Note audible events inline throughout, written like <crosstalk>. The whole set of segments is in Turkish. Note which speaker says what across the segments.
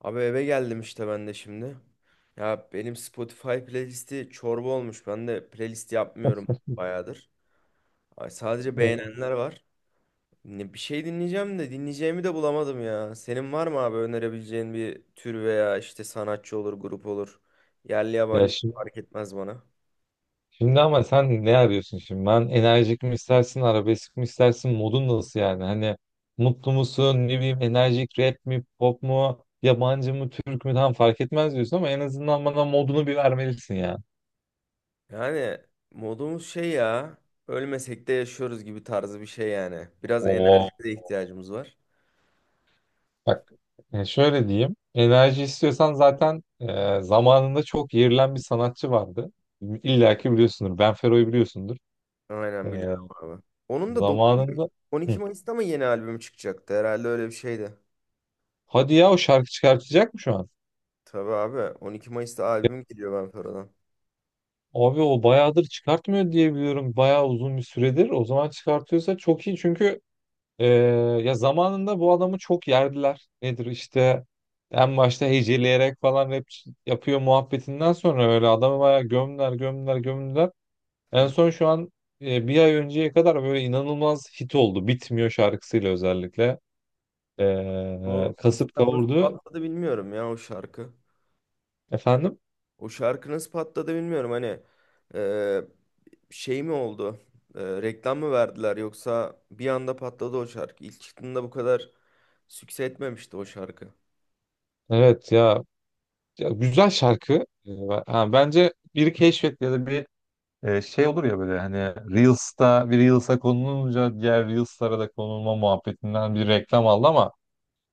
Speaker 1: Abi eve geldim işte ben de şimdi. Ya benim Spotify playlisti çorba olmuş. Ben de playlist yapmıyorum bayağıdır. Ay, sadece beğenenler var. Ne, bir şey dinleyeceğim de dinleyeceğimi de bulamadım ya. Senin var mı abi önerebileceğin bir tür veya işte sanatçı olur, grup olur. Yerli
Speaker 2: Ya
Speaker 1: yabancı
Speaker 2: şimdi,
Speaker 1: fark etmez bana.
Speaker 2: şimdi ama sen ne arıyorsun şimdi? Ben enerjik mi istersin, arabesk mi istersin, modun nasıl yani? Hani mutlu musun, ne bileyim enerjik rap mi, pop mu, yabancı mı, Türk mü tam fark etmez diyorsun ama en azından bana modunu bir vermelisin ya.
Speaker 1: Yani modumuz şey ya. Ölmesek de yaşıyoruz gibi tarzı bir şey yani. Biraz enerjiye
Speaker 2: Oo.
Speaker 1: de ihtiyacımız var.
Speaker 2: Bak şöyle diyeyim. Enerji istiyorsan zaten zamanında çok yerilen bir sanatçı vardı. İlla ki biliyorsundur. Ben Fero'yu biliyorsundur.
Speaker 1: Aynen
Speaker 2: E,
Speaker 1: biliyorum abi. Onun da 9,
Speaker 2: zamanında.
Speaker 1: 12
Speaker 2: Hı.
Speaker 1: Mayıs'ta mı yeni albüm çıkacaktı? Herhalde öyle bir şeydi.
Speaker 2: Hadi ya o şarkı çıkartacak mı şu an?
Speaker 1: Tabii abi 12 Mayıs'ta albüm geliyor ben Fera'dan.
Speaker 2: Abi o bayağıdır çıkartmıyor diye biliyorum. Bayağı uzun bir süredir. O zaman çıkartıyorsa çok iyi. Çünkü e, ya zamanında bu adamı çok yerdiler. Nedir işte en başta heceleyerek falan rap yapıyor muhabbetinden sonra öyle adamı bayağı gömdüler, gömdüler, gömdüler. En
Speaker 1: Hı.
Speaker 2: son şu an bir ay önceye kadar böyle inanılmaz hit oldu. Bitmiyor şarkısıyla özellikle.
Speaker 1: O
Speaker 2: Kasıp
Speaker 1: mesela nasıl
Speaker 2: kavurdu.
Speaker 1: patladı bilmiyorum ya o şarkı.
Speaker 2: Efendim?
Speaker 1: O şarkı nasıl patladı bilmiyorum. Hani e, şey mi oldu? Reklam mı verdiler yoksa bir anda patladı o şarkı. İlk çıktığında bu kadar sükse etmemişti o şarkı.
Speaker 2: Evet ya, ya güzel şarkı. Bence biri keşfetti ya da bir. Şey olur ya böyle hani Reels'ta bir Reels'a konulunca diğer Reels'lara da konulma muhabbetinden bir reklam aldı ama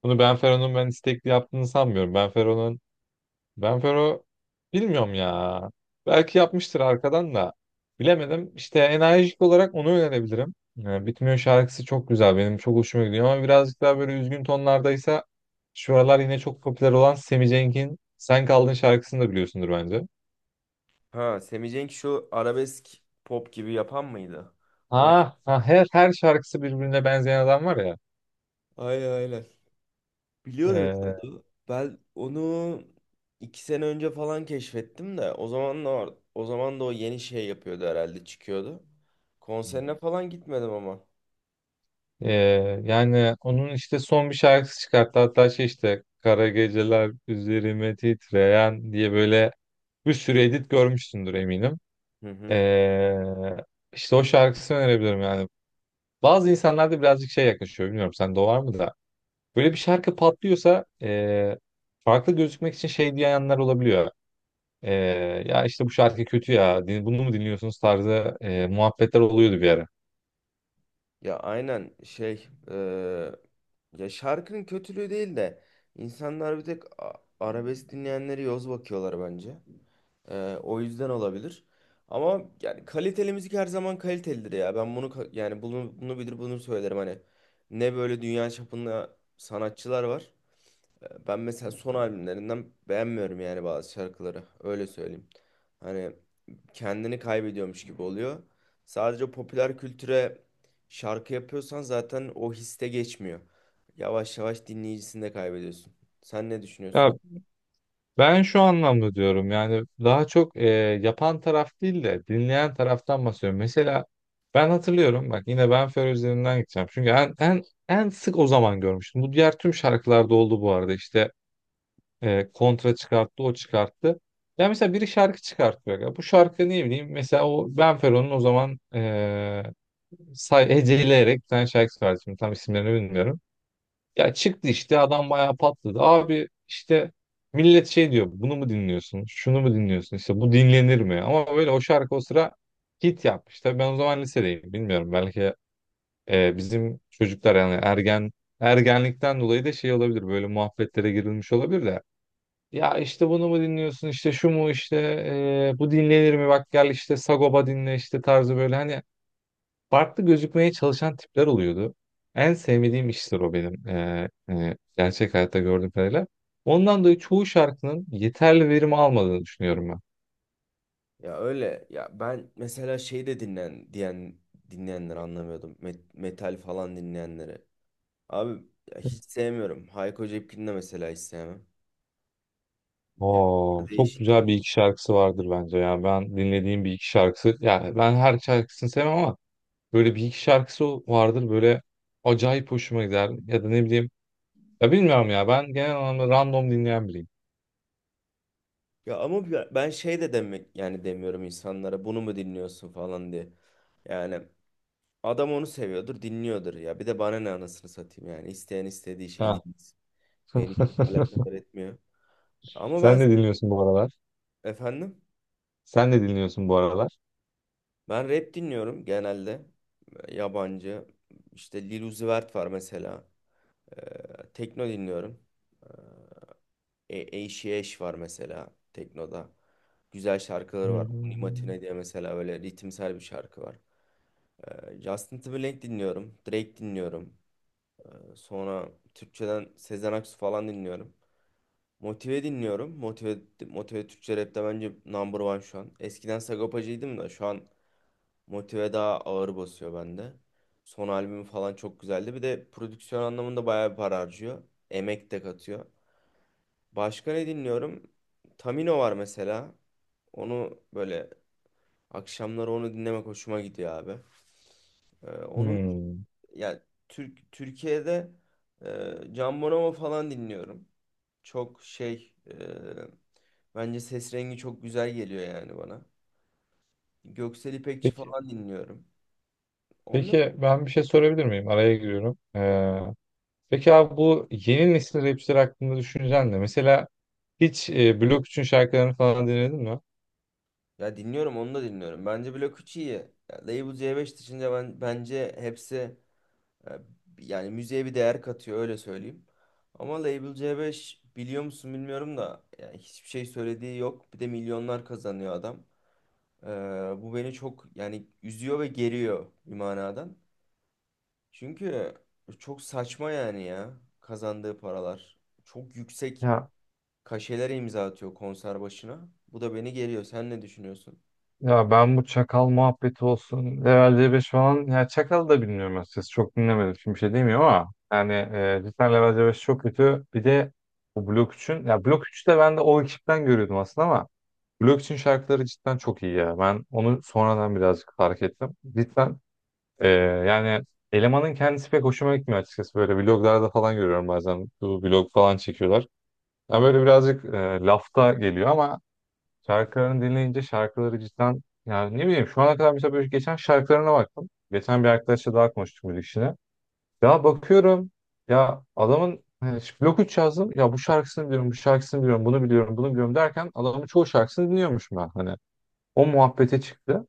Speaker 2: bunu Benfero'nun ben istekli yaptığını sanmıyorum. Benfero'nun, Benfero, bilmiyorum ya. Belki yapmıştır arkadan da. Bilemedim. İşte enerjik olarak onu önerebilirim. Bitmiyor şarkısı çok güzel. Benim çok hoşuma gidiyor ama birazcık daha böyle üzgün tonlardaysa şu aralar yine çok popüler olan Semi Cenk'in Sen Kaldın şarkısını da biliyorsundur bence.
Speaker 1: Ha, Semih Cenk şu arabesk pop gibi yapan mıydı? O
Speaker 2: Ha, ha her şarkısı birbirine benzeyen adam var ya.
Speaker 1: Aynen, aynen. Biliyorum ya
Speaker 2: Ee,
Speaker 1: onu. Ben onu 2 sene önce falan keşfettim de o zaman da o yeni şey yapıyordu herhalde çıkıyordu. Konserine falan gitmedim ama.
Speaker 2: e, yani onun işte son bir şarkısı çıkarttı. Hatta şey işte Kara Geceler Üzerime Titreyen diye böyle bir sürü edit görmüşsündür eminim.
Speaker 1: Hı hı.
Speaker 2: Ee, işte o şarkısını önerebilirim yani. Bazı insanlarda birazcık şey yaklaşıyor. Bilmiyorum sende o var mı da. Böyle bir şarkı patlıyorsa farklı gözükmek için şey diyenler olabiliyor. E, ya işte bu şarkı kötü ya. Bunu mu dinliyorsunuz tarzı muhabbetler oluyordu bir ara.
Speaker 1: Ya aynen şey ya şarkının kötülüğü değil de insanlar bir tek arabesk dinleyenleri yoz bakıyorlar bence. O yüzden olabilir. Ama yani kaliteli müzik her zaman kalitelidir ya. Ben yani bunu bilir bunu söylerim hani. Ne böyle dünya çapında sanatçılar var. Ben mesela son albümlerinden beğenmiyorum yani bazı şarkıları. Öyle söyleyeyim. Hani kendini kaybediyormuş gibi oluyor. Sadece popüler kültüre şarkı yapıyorsan zaten o histe geçmiyor. Yavaş yavaş dinleyicisini de kaybediyorsun. Sen ne düşünüyorsun?
Speaker 2: Ya, ben şu anlamda diyorum yani daha çok yapan taraf değil de dinleyen taraftan bahsediyorum. Mesela ben hatırlıyorum bak yine ben Fer üzerinden gideceğim. Çünkü en sık o zaman görmüştüm. Bu diğer tüm şarkılarda oldu bu arada işte kontra çıkarttı o çıkarttı. Ya mesela biri şarkı çıkartıyor. Ya bu şarkı ne bileyim mesela o Ben Fero'nun o zaman heceleyerek bir tane şarkı çıkarttı. Şimdi tam isimlerini bilmiyorum. Ya çıktı işte adam bayağı patladı. Abi işte millet şey diyor, bunu mu dinliyorsun? Şunu mu dinliyorsun? İşte bu dinlenir mi? Ama böyle o şarkı o sıra hit yapmış. Tabii ben o zaman lisedeyim bilmiyorum. Belki bizim çocuklar yani ergenlikten dolayı da şey olabilir. Böyle muhabbetlere girilmiş olabilir de. Ya işte bunu mu dinliyorsun? İşte şu mu işte bu dinlenir mi? Bak gel işte Sagopa dinle işte tarzı böyle hani farklı gözükmeye çalışan tipler oluyordu. En sevmediğim işler o benim gerçek hayatta gördüğüm kadarıyla. Ondan dolayı çoğu şarkının yeterli verim almadığını düşünüyorum ben.
Speaker 1: Ya öyle ya ben mesela şey de dinlen diyen dinleyenleri anlamıyordum. Metal falan dinleyenleri. Abi ya hiç sevmiyorum. Hayko Cepkin'i de mesela hiç sevmem. Yani bu
Speaker 2: Oo, çok
Speaker 1: değişik.
Speaker 2: güzel
Speaker 1: Şey.
Speaker 2: bir iki şarkısı vardır bence ya. Ben dinlediğim bir iki şarkısı, yani ben her şarkısını sevmem ama böyle bir iki şarkısı vardır böyle acayip hoşuma gider. Ya da ne bileyim, ya bilmiyorum ya ben genel anlamda random dinleyen biriyim.
Speaker 1: Ya ama ben şey de demek yani demiyorum insanlara bunu mu dinliyorsun falan diye. Yani adam onu seviyordur, dinliyordur ya. Bir de bana ne anasını satayım yani. İsteyen istediği şeyi
Speaker 2: Ha.
Speaker 1: dinlesin. Beni çok
Speaker 2: <laughs>
Speaker 1: alakadar etmiyor. Ama
Speaker 2: Sen
Speaker 1: ben,
Speaker 2: ne dinliyorsun bu aralar?
Speaker 1: efendim?
Speaker 2: Sen ne dinliyorsun bu aralar?
Speaker 1: Ben rap dinliyorum genelde. Yabancı. İşte Lil Uzi Vert var mesela. Tekno dinliyorum. Eşi Eş var mesela teknoda. Güzel şarkıları var. Unimatine diye mesela böyle ritimsel bir şarkı var. Justin Timberlake dinliyorum. Drake dinliyorum. Sonra Türkçeden Sezen Aksu falan dinliyorum. Motive dinliyorum. Motive, Motive Türkçe rapte bence number one şu an. Eskiden Sagopacı'ydım da şu an Motive daha ağır basıyor bende. Son albüm falan çok güzeldi. Bir de prodüksiyon anlamında bayağı bir para harcıyor. Emek de katıyor. Başka ne dinliyorum? Tamino var mesela. Böyle akşamları onu dinlemek hoşuma gidiyor abi. Onun
Speaker 2: Hmm.
Speaker 1: yani Türkiye'de Can Bonomo falan dinliyorum. Çok bence ses rengi çok güzel geliyor yani bana. Göksel İpekçi
Speaker 2: Peki,
Speaker 1: falan dinliyorum. Onlar
Speaker 2: peki ben bir şey sorabilir miyim? Araya giriyorum. Peki abi bu yeni nesil rapçiler hakkında düşüncen ne? Mesela hiç Blok 3'ün şarkılarını falan dinledin mi?
Speaker 1: Ya dinliyorum onu da dinliyorum. Bence Blok 3 iyi. Ya Label C5 dışında ben bence hepsi e, yani müziğe bir değer katıyor öyle söyleyeyim. Ama Label C5 biliyor musun bilmiyorum da yani hiçbir şey söylediği yok. Bir de milyonlar kazanıyor adam. Ee, Bu beni çok yani üzüyor ve geriyor bir manadan. Çünkü çok saçma yani ya kazandığı paralar. Çok yüksek
Speaker 2: Ya
Speaker 1: kaşelere imza atıyor konser başına. Bu da beni geriyor. Sen ne düşünüyorsun?
Speaker 2: ya ben bu çakal muhabbeti olsun. Level C5 falan. Ya çakal da bilmiyorum açıkçası. Çok dinlemedim. Şimdi bir şey demiyorum ama. Yani cidden Level C5 çok kötü. Bir de bu Blok üçün ya Blok 3'ü de ben de o ekipten görüyordum aslında ama. Blok üçün şarkıları cidden çok iyi ya. Ben onu sonradan birazcık fark ettim. Cidden. Ee, yani elemanın kendisi pek hoşuma gitmiyor açıkçası. Böyle vloglarda falan görüyorum bazen. Bu vlog falan çekiyorlar. Yani böyle birazcık lafta geliyor ama şarkılarını dinleyince şarkıları cidden yani ne bileyim şu ana kadar mesela böyle geçen şarkılarına baktım. Geçen bir arkadaşla daha konuştuk müzik işine. Ya bakıyorum, ya adamın hani şu blok 3 yazdım. Ya bu şarkısını biliyorum, bu şarkısını biliyorum, bunu biliyorum, bunu biliyorum derken adamın çoğu şarkısını dinliyormuş ben. Hani o muhabbete çıktı.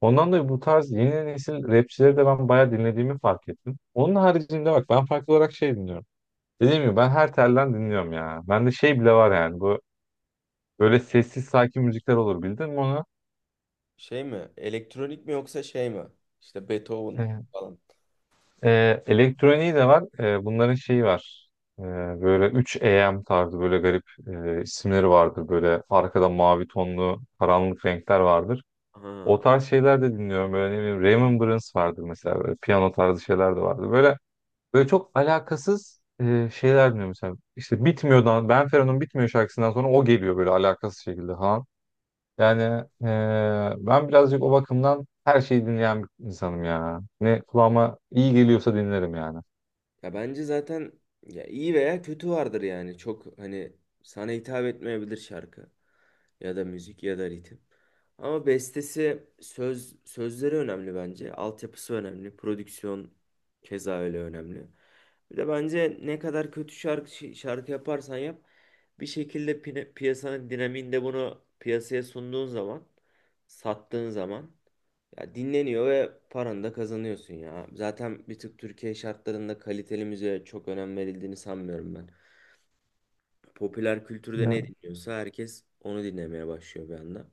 Speaker 2: Ondan dolayı bu tarz yeni nesil rapçileri de ben bayağı dinlediğimi fark ettim. Onun haricinde bak ben farklı olarak şey dinliyorum. Dediğim gibi ben her telden dinliyorum ya. Bende şey bile var yani bu böyle sessiz sakin müzikler olur bildin mi onu?
Speaker 1: Şey mi? Elektronik mi yoksa şey mi? İşte Beethoven
Speaker 2: Evet.
Speaker 1: falan.
Speaker 2: Elektroniği de var. Bunların şeyi var. Ee, böyle 3AM tarzı böyle garip isimleri vardır. Böyle arkada mavi tonlu karanlık renkler vardır. O
Speaker 1: Ha.
Speaker 2: tarz şeyler de dinliyorum. Böyle ne bileyim Remembrance vardır mesela. Böyle piyano tarzı şeyler de vardır. Böyle, böyle çok alakasız şeyler dinliyorum mesela. İşte Bitmiyor'dan, Benfero'nun Bitmiyor şarkısından sonra o geliyor böyle alakasız şekilde ha. Yani e, ben birazcık o bakımdan her şeyi dinleyen bir insanım ya. Ne kulağıma iyi geliyorsa dinlerim yani.
Speaker 1: Ya bence zaten ya iyi veya kötü vardır yani. Çok hani sana hitap etmeyebilir şarkı ya da müzik ya da ritim. Ama bestesi sözleri önemli bence. Altyapısı önemli. Prodüksiyon keza öyle önemli. Bir de bence ne kadar kötü şarkı yaparsan yap bir şekilde piyasanın dinamiğinde bunu piyasaya sunduğun zaman sattığın zaman ya dinleniyor ve paranı da kazanıyorsun ya. Zaten bir tık Türkiye şartlarında kaliteli müziğe çok önem verildiğini sanmıyorum ben. Popüler kültürde ne
Speaker 2: Ya,
Speaker 1: dinliyorsa herkes onu dinlemeye başlıyor bir anda.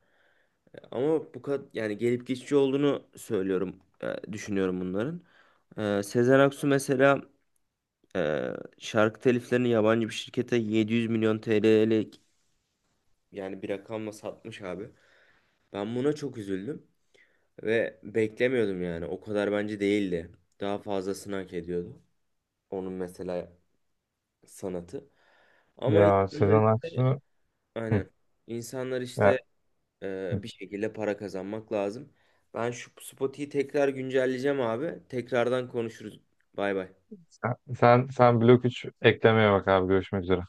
Speaker 1: Ama bu kadar yani gelip geçici olduğunu söylüyorum, düşünüyorum bunların. Sezen Aksu mesela e, şarkı teliflerini yabancı bir şirkete 700 milyon TL'lik yani bir rakamla satmış abi. Ben buna çok üzüldüm. Ve beklemiyordum yani. O kadar bence değildi. Daha fazlasını hak ediyordu. Onun mesela sanatı. Ama
Speaker 2: ya
Speaker 1: insanlar
Speaker 2: Sezen
Speaker 1: işte
Speaker 2: Aksu. Hı,
Speaker 1: aynen. İnsanlar işte
Speaker 2: ya, hı.
Speaker 1: bir şekilde para kazanmak lazım. Ben şu Spotify'yi tekrar güncelleyeceğim abi. Tekrardan konuşuruz. Bay bay.
Speaker 2: Sen Blok 3 eklemeye bak abi. Görüşmek üzere.